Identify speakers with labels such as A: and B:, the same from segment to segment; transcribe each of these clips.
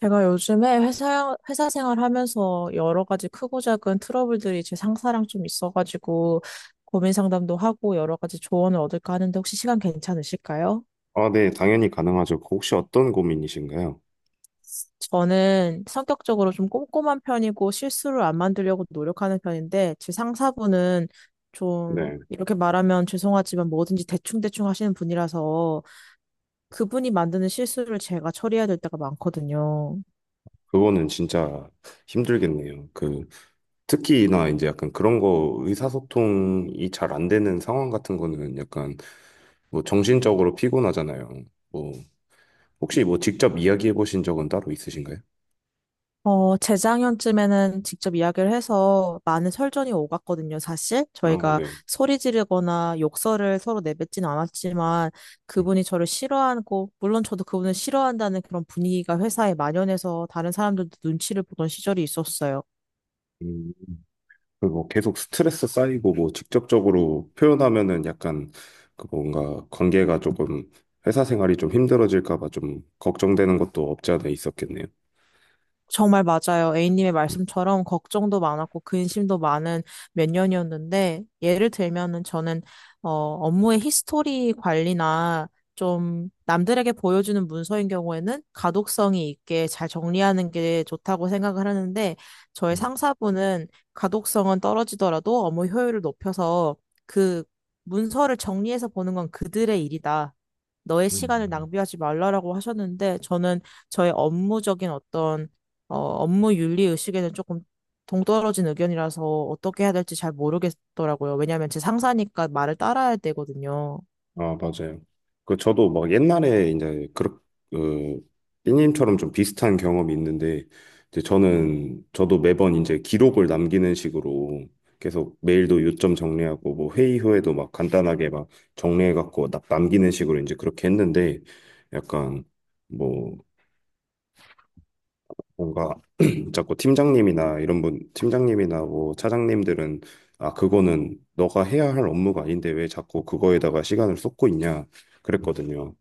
A: 제가 요즘에 회사 생활하면서 여러 가지 크고 작은 트러블들이 제 상사랑 좀 있어가지고 고민 상담도 하고 여러 가지 조언을 얻을까 하는데 혹시 시간 괜찮으실까요?
B: 아, 네, 당연히 가능하죠. 그 혹시 어떤 고민이신가요?
A: 저는 성격적으로 좀 꼼꼼한 편이고 실수를 안 만들려고 노력하는 편인데 제 상사분은 좀
B: 네,
A: 이렇게 말하면 죄송하지만 뭐든지 대충대충 하시는 분이라서 그분이 만드는 실수를 제가 처리해야 될 때가 많거든요.
B: 그거는 진짜 힘들겠네요. 특히나 이제 약간 그런 거 의사소통이 잘 안 되는 상황 같은 거는 약간 뭐 정신적으로 피곤하잖아요. 뭐, 혹시 뭐 직접 이야기해 보신 적은 따로 있으신가요?
A: 재작년쯤에는 직접 이야기를 해서 많은 설전이 오갔거든요, 사실.
B: 아,
A: 저희가
B: 네.
A: 소리 지르거나 욕설을 서로 내뱉진 않았지만
B: 음,
A: 그분이 저를 싫어하고, 물론 저도 그분을 싫어한다는 그런 분위기가 회사에 만연해서 다른 사람들도 눈치를 보던 시절이 있었어요.
B: 음, 그뭐 계속 스트레스 쌓이고 뭐 직접적으로 표현하면은 약간 뭔가 관계가 조금 회사 생활이 좀 힘들어질까 봐 좀 걱정되는 것도 없지 않아 있었겠네요.
A: 정말 맞아요. A님의 말씀처럼 걱정도 많았고 근심도 많은 몇 년이었는데 예를 들면은 저는 업무의 히스토리 관리나 좀 남들에게 보여주는 문서인 경우에는 가독성이 있게 잘 정리하는 게 좋다고 생각을 하는데 저의
B: 음.
A: 상사분은 가독성은 떨어지더라도 업무 효율을 높여서 그 문서를 정리해서 보는 건 그들의 일이다. 너의 시간을
B: 음.
A: 낭비하지 말라라고 하셨는데 저는 저의 업무적인 어떤 업무 윤리 의식에는 조금 동떨어진 의견이라서 어떻게 해야 될지 잘 모르겠더라고요. 왜냐하면 제 상사니까 말을 따라야 되거든요.
B: 아, 맞아요. 그 저도 막 옛날에 이제 그렇 그 삐님처럼 좀 비슷한 경험이 있는데 이제 저는 저도 매번 이제 기록을 남기는 식으로 계속 메일도 요점 정리하고 뭐 회의 후에도 막 간단하게 막 정리해 갖고 남기는 식으로 이제 그렇게 했는데 약간 뭐 뭔가 자꾸 팀장님이나 뭐 차장님들은 아, 그거는 너가 해야 할 업무가 아닌데 왜 자꾸 그거에다가 시간을 쏟고 있냐 그랬거든요.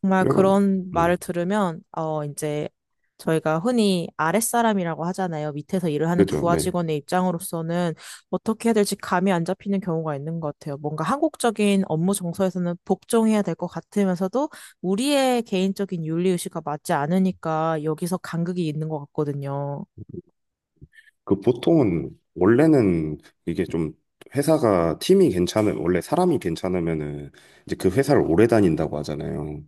A: 정말
B: 그래가
A: 그런 말을
B: 뭐
A: 들으면 이제 저희가 흔히 아랫사람이라고 하잖아요. 밑에서 일을 하는
B: 그죠,
A: 부하
B: 네.
A: 직원의 입장으로서는 어떻게 해야 될지 감이 안 잡히는 경우가 있는 것 같아요. 뭔가 한국적인 업무 정서에서는 복종해야 될 것 같으면서도 우리의 개인적인 윤리 의식과 맞지 않으니까 여기서 간극이 있는 것 같거든요.
B: 그 보통은 원래는 이게 좀 회사가 팀이 괜찮은 원래 사람이 괜찮으면은 이제 그 회사를 오래 다닌다고 하잖아요.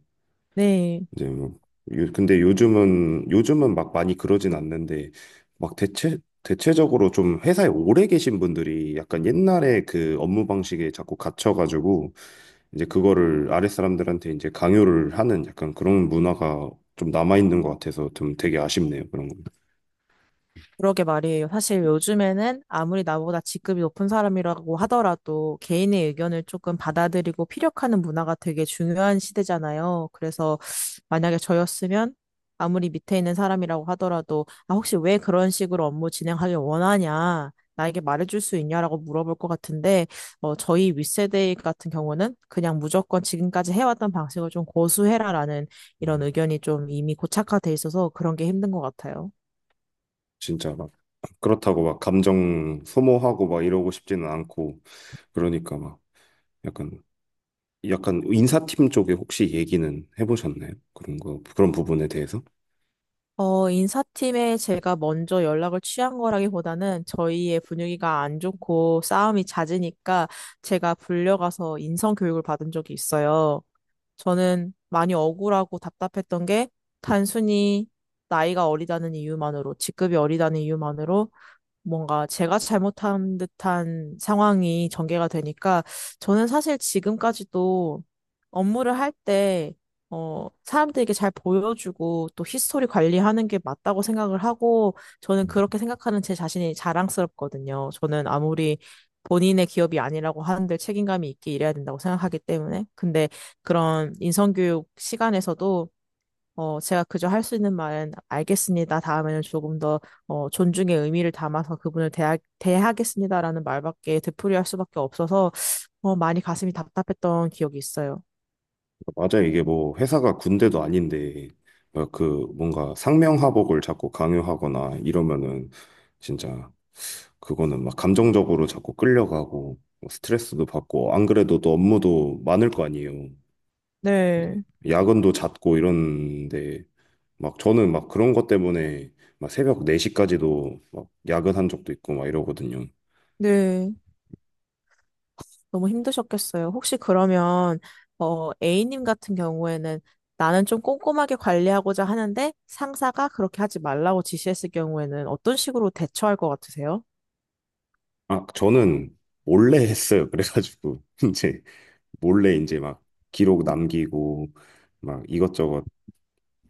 A: 네.
B: 이제 뭐 요- 근데 요즘은 막 많이 그러진 않는데 막 대체 대체적으로 좀 회사에 오래 계신 분들이 약간 옛날에 그 업무 방식에 자꾸 갇혀가지고 이제 그거를 아랫 사람들한테 이제 강요를 하는 약간 그런 문화가 좀 남아 있는 것 같아서 좀 되게 아쉽네요 그런 거.
A: 그러게 말이에요. 사실 요즘에는 아무리 나보다 직급이 높은 사람이라고 하더라도 개인의 의견을 조금 받아들이고 피력하는 문화가 되게 중요한 시대잖아요. 그래서 만약에 저였으면 아무리 밑에 있는 사람이라고 하더라도 아, 혹시 왜 그런 식으로 업무 진행하길 원하냐? 나에게 말해줄 수 있냐라고 물어볼 것 같은데, 저희 윗세대 같은 경우는 그냥 무조건 지금까지 해왔던 방식을 좀 고수해라라는 이런
B: 음.
A: 의견이 좀 이미 고착화돼 있어서 그런 게 힘든 것 같아요.
B: 진짜 막 그렇다고 막 감정 소모하고 막 이러고 싶지는 않고 그러니까 막 약간 약간 인사팀 쪽에 혹시 얘기는 해보셨나요? 그런 거 그런 부분에 대해서?
A: 인사팀에 제가 먼저 연락을 취한 거라기보다는 저희의 분위기가 안 좋고 싸움이 잦으니까 제가 불려가서 인성 교육을 받은 적이 있어요. 저는 많이 억울하고 답답했던 게 단순히 나이가 어리다는 이유만으로, 직급이 어리다는 이유만으로 뭔가 제가 잘못한 듯한 상황이 전개가 되니까 저는 사실 지금까지도 업무를 할 때, 사람들에게 잘 보여주고 또 히스토리 관리하는 게 맞다고 생각을 하고 저는 그렇게 생각하는 제 자신이 자랑스럽거든요. 저는 아무리 본인의 기업이 아니라고 하는데 책임감이 있게 일해야 된다고 생각하기 때문에. 근데 그런 인성교육 시간에서도 제가 그저 할 수 있는 말은 알겠습니다. 다음에는 조금 더 존중의 의미를 담아서 대하겠습니다라는 말밖에 되풀이할 수밖에 없어서 많이 가슴이 답답했던 기억이 있어요.
B: 맞아. 이게 뭐 회사가 군대도 아닌데 어, 그 뭔가 상명하복을 자꾸 강요하거나 이러면은 진짜 그거는 막 감정적으로 자꾸 끌려가고 뭐 스트레스도 받고 안 그래도 또 업무도 많을 거 아니에요.
A: 네,
B: 이제 야근도 잦고 이런데 막 저는 막 그런 것 때문에 막 새벽 4시까지도 막 야근한 적도 있고 막 이러거든요.
A: 네. 너무 힘드셨겠어요. 혹시 그러면 A님 같은 경우에는 나는 좀 꼼꼼하게 관리하고자 하는데 상사가 그렇게 하지 말라고 지시했을 경우에는 어떤 식으로 대처할 것 같으세요?
B: 아, 저는 몰래 했어요. 그래가지고 이제 몰래 이제 막 기록 남기고 막 이것저것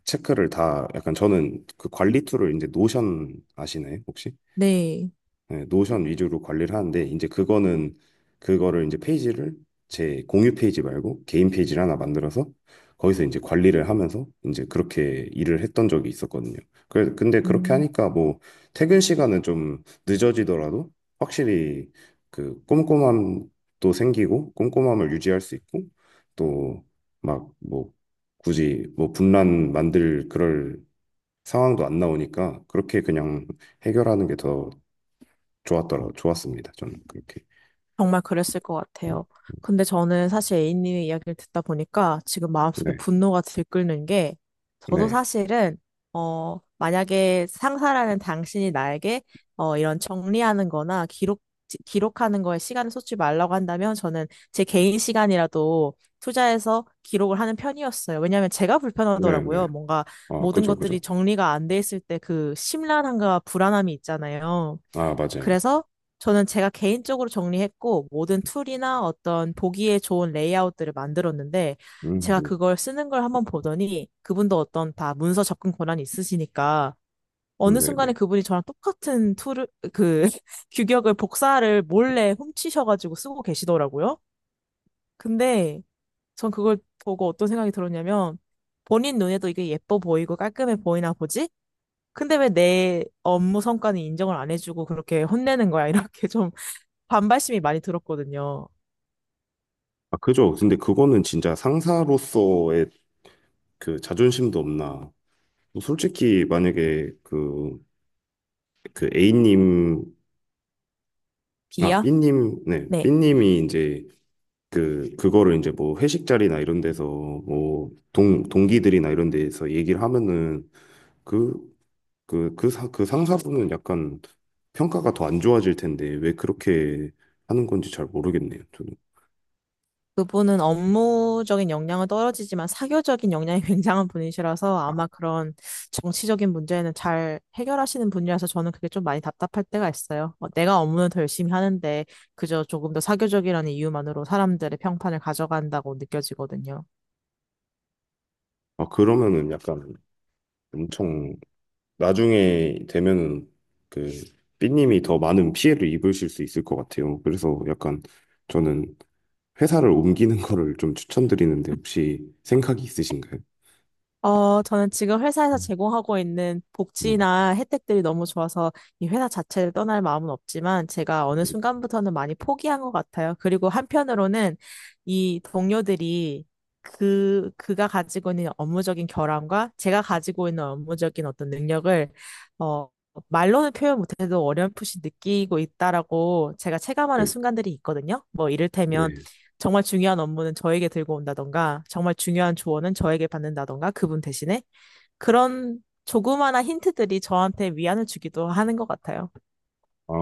B: 체크를 다 약간 저는 그 관리 툴을 이제 노션 아시나요? 혹시?
A: 네.
B: 네, 노션 위주로 관리를 하는데 이제 그거는 그거를 이제 페이지를 제 공유 페이지 말고 개인 페이지를 하나 만들어서 거기서 이제 관리를 하면서 이제 그렇게 일을 했던 적이 있었거든요. 그래, 근데 그렇게
A: 음.
B: 하니까 뭐 퇴근 시간은 좀 늦어지더라도 확실히 그 꼼꼼함도 생기고 꼼꼼함을 유지할 수 있고 또 막 뭐 굳이 뭐 분란 만들 그럴 상황도 안 나오니까 그렇게 그냥 해결하는 게더 좋았습니다. 저는 그렇게.
A: 정말 그랬을 것
B: 음,
A: 같아요. 근데 저는 사실 A님의 이야기를 듣다 보니까 지금 마음속에
B: 네,
A: 분노가 들끓는 게 저도
B: 네,
A: 사실은 만약에 상사라는 당신이 나에게 이런 정리하는 거나 기록하는 거에 시간을 쏟지 말라고 한다면 저는 제 개인 시간이라도 투자해서 기록을 하는 편이었어요. 왜냐하면 제가
B: 네, 네.
A: 불편하더라고요. 뭔가
B: 아,
A: 모든
B: 그죠,
A: 것들이
B: 그죠.
A: 정리가 안 돼 있을 때 그 심란함과 불안함이 있잖아요.
B: 아, 맞아요.
A: 그래서 저는 제가 개인적으로 정리했고, 모든 툴이나 어떤 보기에 좋은 레이아웃들을 만들었는데, 제가
B: 네,
A: 그걸 쓰는 걸 한번 보더니, 그분도 어떤 다 문서 접근 권한이 있으시니까, 어느
B: 네,
A: 순간에
B: 네.
A: 그분이 저랑 똑같은 툴을, 그, 규격을, 복사를 몰래 훔치셔가지고 쓰고 계시더라고요. 근데 전 그걸 보고 어떤 생각이 들었냐면, 본인 눈에도 이게 예뻐 보이고 깔끔해 보이나 보지? 근데 왜 내 업무 성과는 인정을 안 해주고 그렇게 혼내는 거야? 이렇게 좀 반발심이 많이 들었거든요.
B: 아, 그죠. 근데 그거는 진짜 상사로서의 그 자존심도 없나. 뭐 솔직히 만약에 그 A님, 아,
A: 비요?
B: B님, 네,
A: 네.
B: B님이 이제 그, 그거를 이제 뭐 회식 자리나 이런 데서 뭐 동기들이나 이런 데서 얘기를 하면은 그 그 상사분은 약간 평가가 더 안 좋아질 텐데 왜 그렇게 하는 건지 잘 모르겠네요. 저는.
A: 그분은 업무적인 역량은 떨어지지만 사교적인 역량이 굉장한 분이시라서
B: 아,
A: 아마 그런 정치적인 문제는 잘 해결하시는 분이라서 저는 그게 좀 많이 답답할 때가 있어요. 어, 내가 업무는 더 열심히 하는데 그저 조금 더 사교적이라는 이유만으로 사람들의 평판을 가져간다고 느껴지거든요.
B: 아, 그러면은 약간 엄청 나중에 되면은 그 삐님이 더 많은 피해를 입으실 수 있을 것 같아요. 그래서 약간 저는 회사를 옮기는 거를 좀 추천드리는데 혹시 생각이 있으신가요?
A: 저는 지금 회사에서
B: 음,
A: 제공하고 있는
B: 음,
A: 복지나 혜택들이 너무 좋아서 이 회사 자체를 떠날 마음은 없지만 제가 어느 순간부터는 많이 포기한 것 같아요. 그리고 한편으로는 이 동료들이 그가 가지고 있는 업무적인 결함과 제가 가지고 있는 업무적인 어떤 능력을, 어, 말로는 표현 못해도 어렴풋이 느끼고 있다라고 제가 체감하는
B: 네,
A: 순간들이 있거든요. 뭐
B: 네.
A: 이를테면 정말 중요한 업무는 저에게 들고 온다던가, 정말 중요한 조언은 저에게 받는다던가, 그분 대신에 그런 조그마한 힌트들이 저한테 위안을 주기도 하는 것 같아요.
B: 아,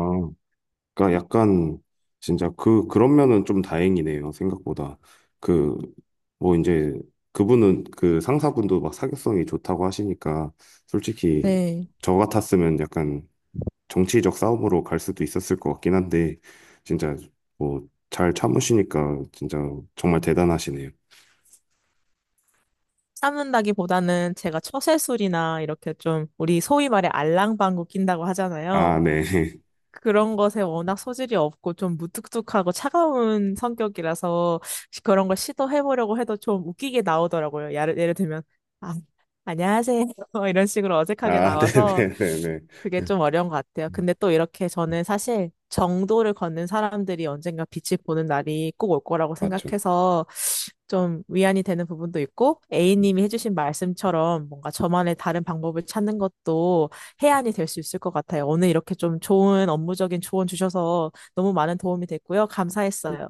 B: 그러니까 약간 진짜 그 그런 면은 좀 다행이네요. 생각보다 그 뭐 이제 그분은 그 상사분도 막 사교성이 좋다고 하시니까 솔직히
A: 네.
B: 저 같았으면 약간 정치적 싸움으로 갈 수도 있었을 것 같긴 한데 진짜 뭐 잘 참으시니까 진짜 정말 대단하시네요.
A: 참는다기보다는 제가 처세술이나 이렇게 좀 우리 소위 말해 알랑방구 낀다고
B: 아,
A: 하잖아요.
B: 네.
A: 그런 것에 워낙 소질이 없고 좀 무뚝뚝하고 차가운 성격이라서 그런 걸 시도해보려고 해도 좀 웃기게 나오더라고요. 예를 들면, 아, 안녕하세요. 이런 식으로 어색하게
B: 아,
A: 나와서
B: 네네네네.
A: 그게 좀 어려운 것 같아요. 근데 또 이렇게 저는 사실 정도를 걷는 사람들이 언젠가 빛을 보는 날이 꼭 올 거라고
B: 맞죠.
A: 생각해서 좀 위안이 되는 부분도 있고, A님이 해주신 말씀처럼 뭔가 저만의 다른 방법을 찾는 것도 해안이 될 수 있을 것 같아요. 오늘 이렇게 좀 좋은 업무적인 조언 주셔서 너무 많은 도움이 됐고요. 감사했어요.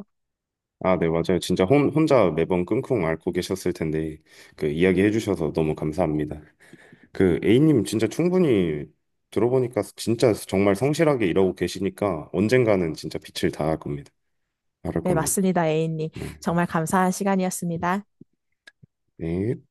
B: 아, 네, 맞아요. 진짜 혼자 매번 끙끙 앓고 계셨을 텐데, 그, 이야기해 주셔서 너무 감사합니다. 그, A님 진짜 충분히 들어보니까 진짜 정말 성실하게 일하고 계시니까 언젠가는 진짜 빛을 다할 겁니다. 바랄
A: 네,
B: 겁니다.
A: 맞습니다, A님.
B: 네.
A: 정말 감사한 시간이었습니다.
B: 네.